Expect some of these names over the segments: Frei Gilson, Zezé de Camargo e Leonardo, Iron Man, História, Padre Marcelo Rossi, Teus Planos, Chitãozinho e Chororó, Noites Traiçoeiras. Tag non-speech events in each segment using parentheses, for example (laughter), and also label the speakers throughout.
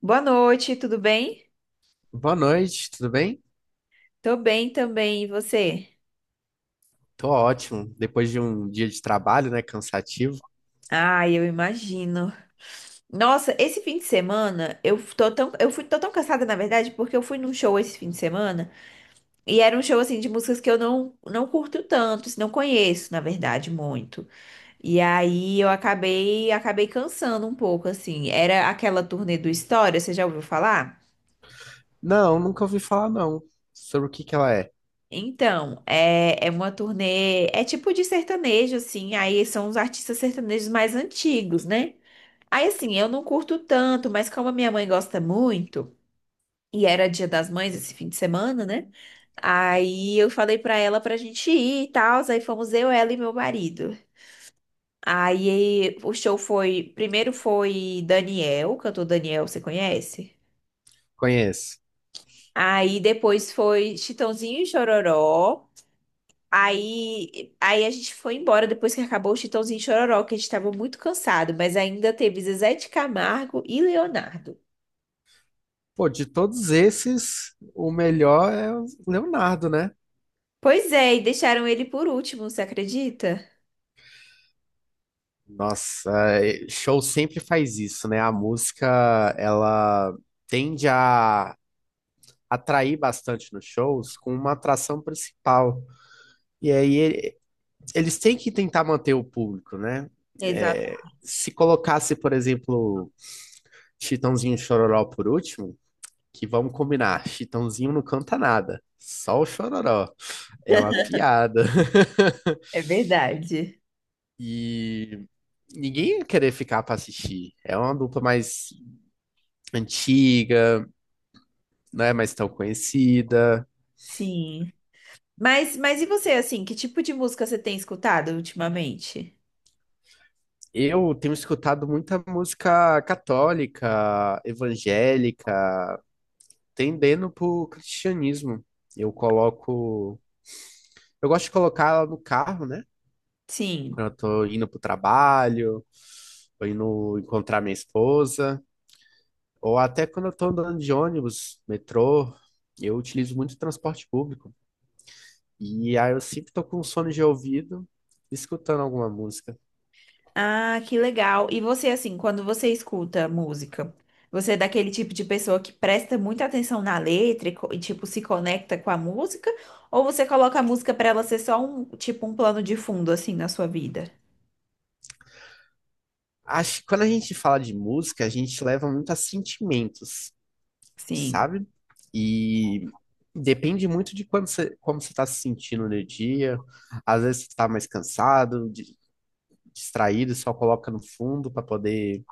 Speaker 1: Boa noite, tudo bem?
Speaker 2: Boa noite, tudo bem?
Speaker 1: Tô bem também, e você?
Speaker 2: Tô ótimo. Depois de um dia de trabalho, né, cansativo.
Speaker 1: Ah, eu imagino. Nossa, esse fim de semana eu tô tão, eu fui, tô tão cansada, na verdade, porque eu fui num show esse fim de semana e era um show assim de músicas que eu não curto tanto, assim, não conheço, na verdade, muito. E aí eu acabei cansando um pouco, assim. Era aquela turnê do História, você já ouviu falar?
Speaker 2: Não, nunca ouvi falar não. Sobre o que ela é?
Speaker 1: Então, é uma turnê, é tipo de sertanejo, assim, aí são os artistas sertanejos mais antigos, né? Aí, assim, eu não curto tanto, mas como a minha mãe gosta muito, e era Dia das Mães esse fim de semana, né? Aí eu falei pra ela pra gente ir e tal, aí fomos eu, ela e meu marido. Aí o show foi, primeiro foi Daniel, cantor Daniel, você conhece?
Speaker 2: Conheço.
Speaker 1: Aí depois foi Chitãozinho e Chororó. Aí a gente foi embora depois que acabou o Chitãozinho e Chororó, que a gente estava muito cansado, mas ainda teve Zezé de Camargo e Leonardo.
Speaker 2: Pô, de todos esses, o melhor é o Leonardo, né?
Speaker 1: Pois é, e deixaram ele por último, você acredita?
Speaker 2: Nossa, é, show sempre faz isso, né? A música, ela tende a atrair bastante nos shows com uma atração principal. E aí eles têm que tentar manter o público, né?
Speaker 1: Exato.
Speaker 2: É, se colocasse, por exemplo, Chitãozinho e Chororó por último, que vamos combinar, Chitãozinho não canta nada, só o Chororó. É uma piada. (laughs)
Speaker 1: É verdade.
Speaker 2: E ninguém ia querer ficar pra assistir. É uma dupla mais antiga, não é mais tão conhecida.
Speaker 1: Sim. Mas e você, assim, que tipo de música você tem escutado ultimamente?
Speaker 2: Eu tenho escutado muita música católica, evangélica, tendendo pro cristianismo. Eu coloco, eu gosto de colocar ela no carro, né?
Speaker 1: Sim.
Speaker 2: Quando eu tô indo pro trabalho ou indo encontrar minha esposa, ou até quando eu tô andando de ônibus, metrô, eu utilizo muito transporte público. E aí eu sempre tô com um sono de ouvido, escutando alguma música.
Speaker 1: Ah, que legal. E você, assim, quando você escuta música, você é daquele tipo de pessoa que presta muita atenção na letra e, e, tipo, se conecta com a música? Ou você coloca a música pra ela ser só um, tipo, um plano de fundo, assim, na sua vida?
Speaker 2: Acho que quando a gente fala de música, a gente leva muito a sentimentos,
Speaker 1: Sim,
Speaker 2: sabe? E depende muito de quando você, como você está se sentindo no dia. Às vezes você está mais cansado, distraído, só coloca no fundo para poder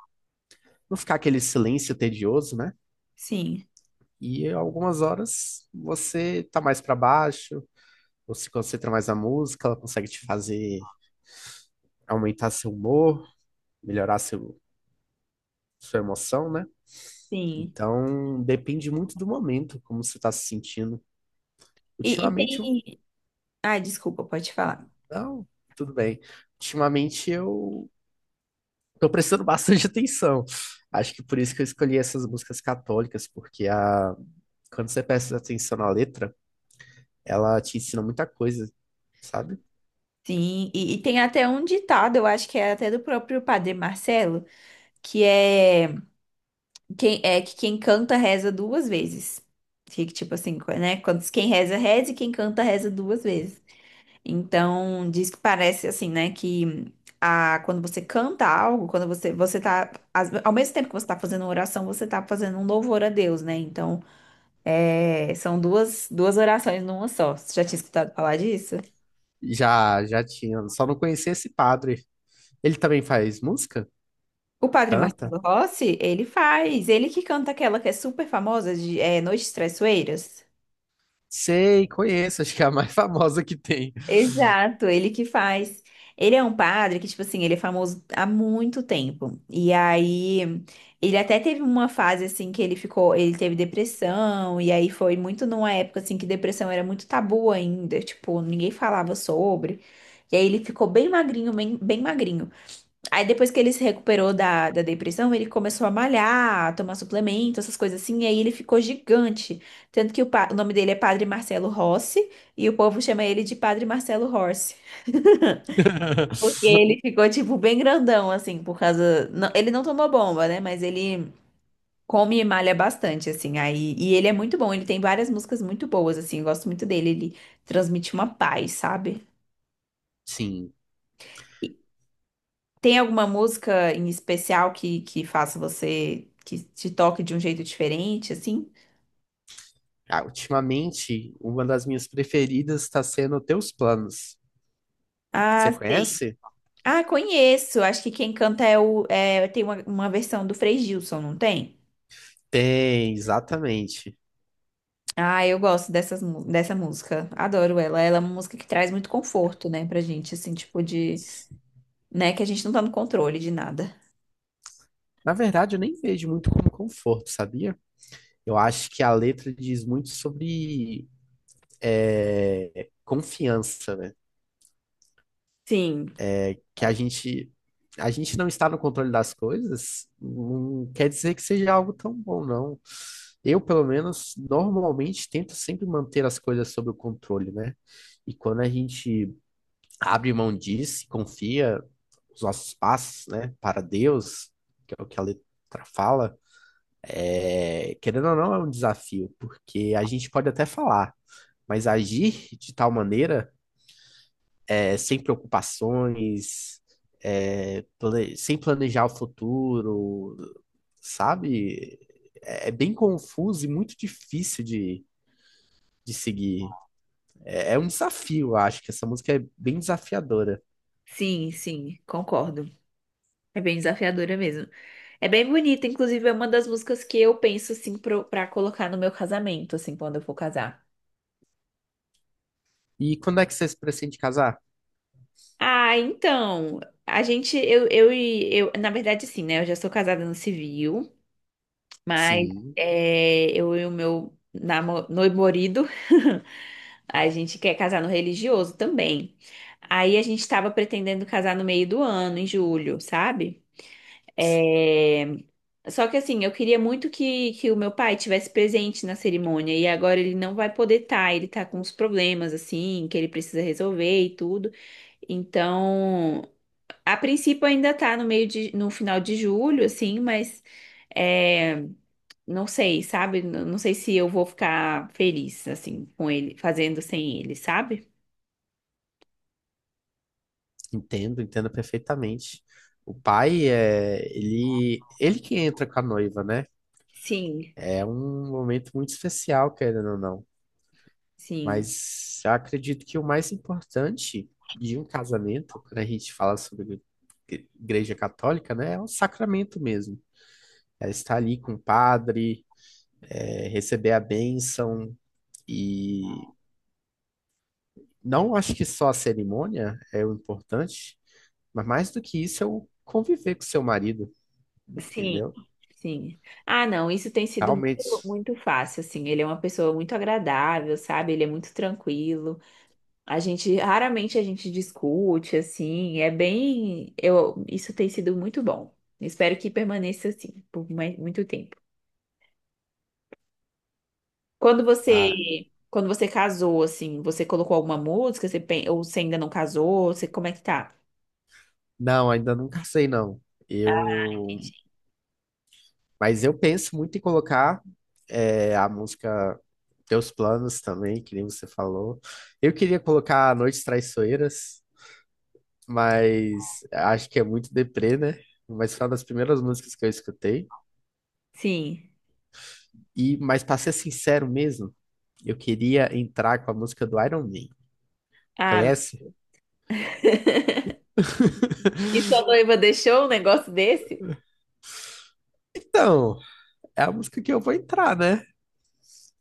Speaker 2: não ficar aquele silêncio tedioso, né?
Speaker 1: sim,
Speaker 2: E algumas horas você tá mais para baixo, ou se concentra mais na música, ela consegue te fazer aumentar seu humor, melhorar seu, sua emoção, né?
Speaker 1: sim.
Speaker 2: Então depende muito do momento, como você tá se sentindo.
Speaker 1: E
Speaker 2: Ultimamente, eu-
Speaker 1: tem. Ai, desculpa, pode falar.
Speaker 2: não, tudo bem. Ultimamente eu tô prestando bastante (laughs) atenção. Acho que por isso que eu escolhi essas músicas católicas, porque quando você presta atenção na letra, ela te ensina muita coisa, sabe?
Speaker 1: Sim, e tem até um ditado, eu acho que é até do próprio Padre Marcelo, que é. É que quem canta reza duas vezes. Fica tipo assim, né? Quando diz quem reza, reza e quem canta reza duas vezes. Então, diz que parece assim, né? Que quando você canta algo, quando você, você tá. Ao mesmo tempo que você tá fazendo uma oração, você tá fazendo um louvor a Deus, né? Então, é, são duas orações numa só. Você já tinha escutado falar disso?
Speaker 2: Já, já tinha. Só não conhecia esse padre. Ele também faz música?
Speaker 1: O padre
Speaker 2: Canta?
Speaker 1: Marcelo Rossi, ele faz. Ele que canta aquela que é super famosa de é, Noites Traiçoeiras.
Speaker 2: Sei, conheço. (laughs) Acho que é a mais (laughs) famosa que tem.
Speaker 1: Exato, ele que faz. Ele é um padre que, tipo assim, ele é famoso há muito tempo. E aí, ele até teve uma fase, assim, que ele ficou, ele teve depressão, e aí foi muito numa época, assim, que depressão era muito tabu ainda, tipo, ninguém falava sobre. E aí ele ficou bem magrinho, bem magrinho. Aí depois que ele se recuperou da depressão, ele começou a malhar, a tomar suplemento, essas coisas assim, e aí ele ficou gigante. Tanto que o, o nome dele é Padre Marcelo Rossi, e o povo chama ele de Padre Marcelo Rossi. (laughs)
Speaker 2: (laughs)
Speaker 1: Porque ele ficou, tipo, bem grandão, assim, por causa. Ele não tomou bomba, né? Mas ele come e malha bastante, assim. Aí, e ele é muito bom, ele tem várias músicas muito boas, assim. Eu gosto muito dele, ele transmite uma paz, sabe?
Speaker 2: Sim.
Speaker 1: Tem alguma música em especial que faça você, que te toque de um jeito diferente, assim?
Speaker 2: Ah, ultimamente, uma das minhas preferidas está sendo Teus Planos.
Speaker 1: Ah,
Speaker 2: Você
Speaker 1: sei.
Speaker 2: conhece?
Speaker 1: Ah, conheço. Acho que quem canta é o. É, tem uma versão do Frei Gilson, não tem?
Speaker 2: Tem, exatamente.
Speaker 1: Ah, eu gosto dessas, dessa música. Adoro ela. Ela é uma música que traz muito conforto, né, pra gente, assim, tipo de, né, que a gente não tá no controle de nada.
Speaker 2: Na verdade, eu nem vejo muito como conforto, sabia? Eu acho que a letra diz muito sobre confiança, né?
Speaker 1: Sim.
Speaker 2: Que a gente não está no controle das coisas, não quer dizer que seja algo tão bom, não. Eu, pelo menos, normalmente tento sempre manter as coisas sob o controle, né? E quando a gente abre mão disso, e confia os nossos passos, né, para Deus, que é o que a letra fala, querendo ou não, é um desafio, porque a gente pode até falar, mas agir de tal maneira sem preocupações, sem planejar o futuro, sabe? É, é bem confuso e muito difícil de seguir. É, é um desafio, eu acho, que essa música é bem desafiadora.
Speaker 1: Sim, sim, concordo. É bem desafiadora mesmo. É bem bonita, inclusive é uma das músicas que eu penso assim pro, pra colocar no meu casamento, assim, quando eu for casar.
Speaker 2: E quando é que vocês pretendem casar?
Speaker 1: Ah, então, a gente, eu, na verdade, sim, né? Eu já sou casada no civil, mas
Speaker 2: Sim,
Speaker 1: é, eu e o meu namorado, (laughs) a gente quer casar no religioso também. Aí a gente tava pretendendo casar no meio do ano, em julho, sabe? É, só que assim, eu queria muito que o meu pai tivesse presente na cerimônia e agora ele não vai poder estar, ele tá com uns problemas assim, que ele precisa resolver e tudo. Então, a princípio ainda tá no meio de, no final de julho, assim, mas é, não sei, sabe? Não sei se eu vou ficar feliz assim com ele, fazendo sem ele, sabe?
Speaker 2: entendo, entendo perfeitamente. O pai é ele, ele que entra com a noiva, né?
Speaker 1: Sim,
Speaker 2: É um momento muito especial, querendo ou não.
Speaker 1: sim.
Speaker 2: Mas eu acredito que o mais importante de um casamento, quando a gente fala sobre igreja católica, né, é o sacramento mesmo. É estar ali com o padre, receber a bênção e não acho que só a cerimônia é o importante, mas mais do que isso é o conviver com seu marido,
Speaker 1: Sim,
Speaker 2: entendeu?
Speaker 1: sim. Ah, não, isso tem sido muito,
Speaker 2: Realmente,
Speaker 1: muito fácil, assim. Ele é uma pessoa muito agradável, sabe? Ele é muito tranquilo. A gente, raramente a gente discute, assim. É bem, eu, isso tem sido muito bom. Espero que permaneça assim por mais, muito tempo. Quando
Speaker 2: ah,
Speaker 1: você, quando você casou, assim, você colocou alguma música? Você, ou você ainda não casou? Você, como é que tá?
Speaker 2: não, ainda não casei não.
Speaker 1: Ah,
Speaker 2: Eu
Speaker 1: entendi.
Speaker 2: mas eu penso muito em colocar a música Teus Planos também, que nem você falou. Eu queria colocar Noites Traiçoeiras, mas acho que é muito deprê, né? Mas foi uma das primeiras músicas que eu escutei.
Speaker 1: Sim.
Speaker 2: E, mas para ser sincero mesmo, eu queria entrar com a música do Iron Man.
Speaker 1: Ah,
Speaker 2: Conhece?
Speaker 1: (laughs) e sua noiva deixou um negócio desse?
Speaker 2: Então, é a música que eu vou entrar, né?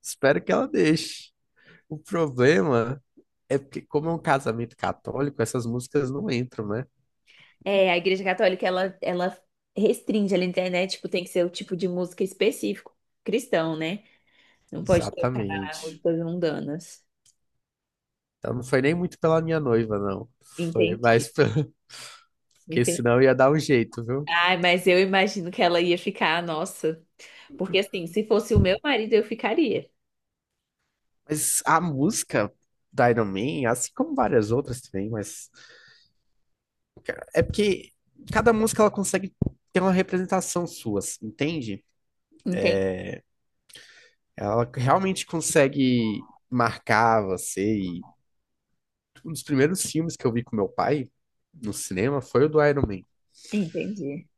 Speaker 2: Espero que ela deixe. O problema é porque, como é um casamento católico, essas músicas não entram, né?
Speaker 1: É, a Igreja Católica, ela restringe ali na internet, tipo, tem que ser o tipo de música específico, cristão, né? Não pode tocar
Speaker 2: Exatamente.
Speaker 1: músicas mundanas.
Speaker 2: Então não foi nem muito pela minha noiva, não. Foi
Speaker 1: Entendi,
Speaker 2: mais pela... (laughs) Porque
Speaker 1: entendi.
Speaker 2: senão ia dar um jeito, viu?
Speaker 1: Ai, mas eu imagino que ela ia ficar, nossa. Porque assim, se fosse o meu marido, eu ficaria.
Speaker 2: Mas a música da Iron Man, assim como várias outras também, mas é porque cada música ela consegue ter uma representação sua, assim, entende?
Speaker 1: Entendi.
Speaker 2: Ela realmente consegue marcar você. E um dos primeiros filmes que eu vi com meu pai no cinema foi o do Iron Man.
Speaker 1: Entendi.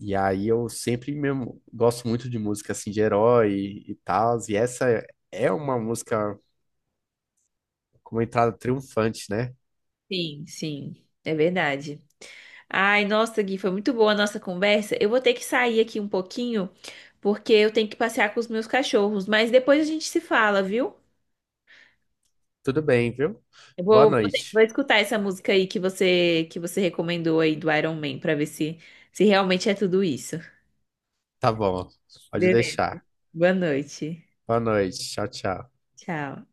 Speaker 2: E aí eu sempre mesmo gosto muito de música assim de herói e tal, e essa é é uma música com uma entrada triunfante, né?
Speaker 1: Sim, sim, é verdade. Ai, nossa, Gui, foi muito boa a nossa conversa. Eu vou ter que sair aqui um pouquinho, porque eu tenho que passear com os meus cachorros, mas depois a gente se fala, viu?
Speaker 2: Tudo bem, viu?
Speaker 1: Eu
Speaker 2: Boa
Speaker 1: vou
Speaker 2: noite.
Speaker 1: escutar essa música aí que você recomendou aí do Iron Man pra ver se se realmente é tudo isso.
Speaker 2: Tá bom, pode
Speaker 1: Beleza.
Speaker 2: deixar.
Speaker 1: Boa noite.
Speaker 2: Boa noite, tchau, tchau.
Speaker 1: Tchau.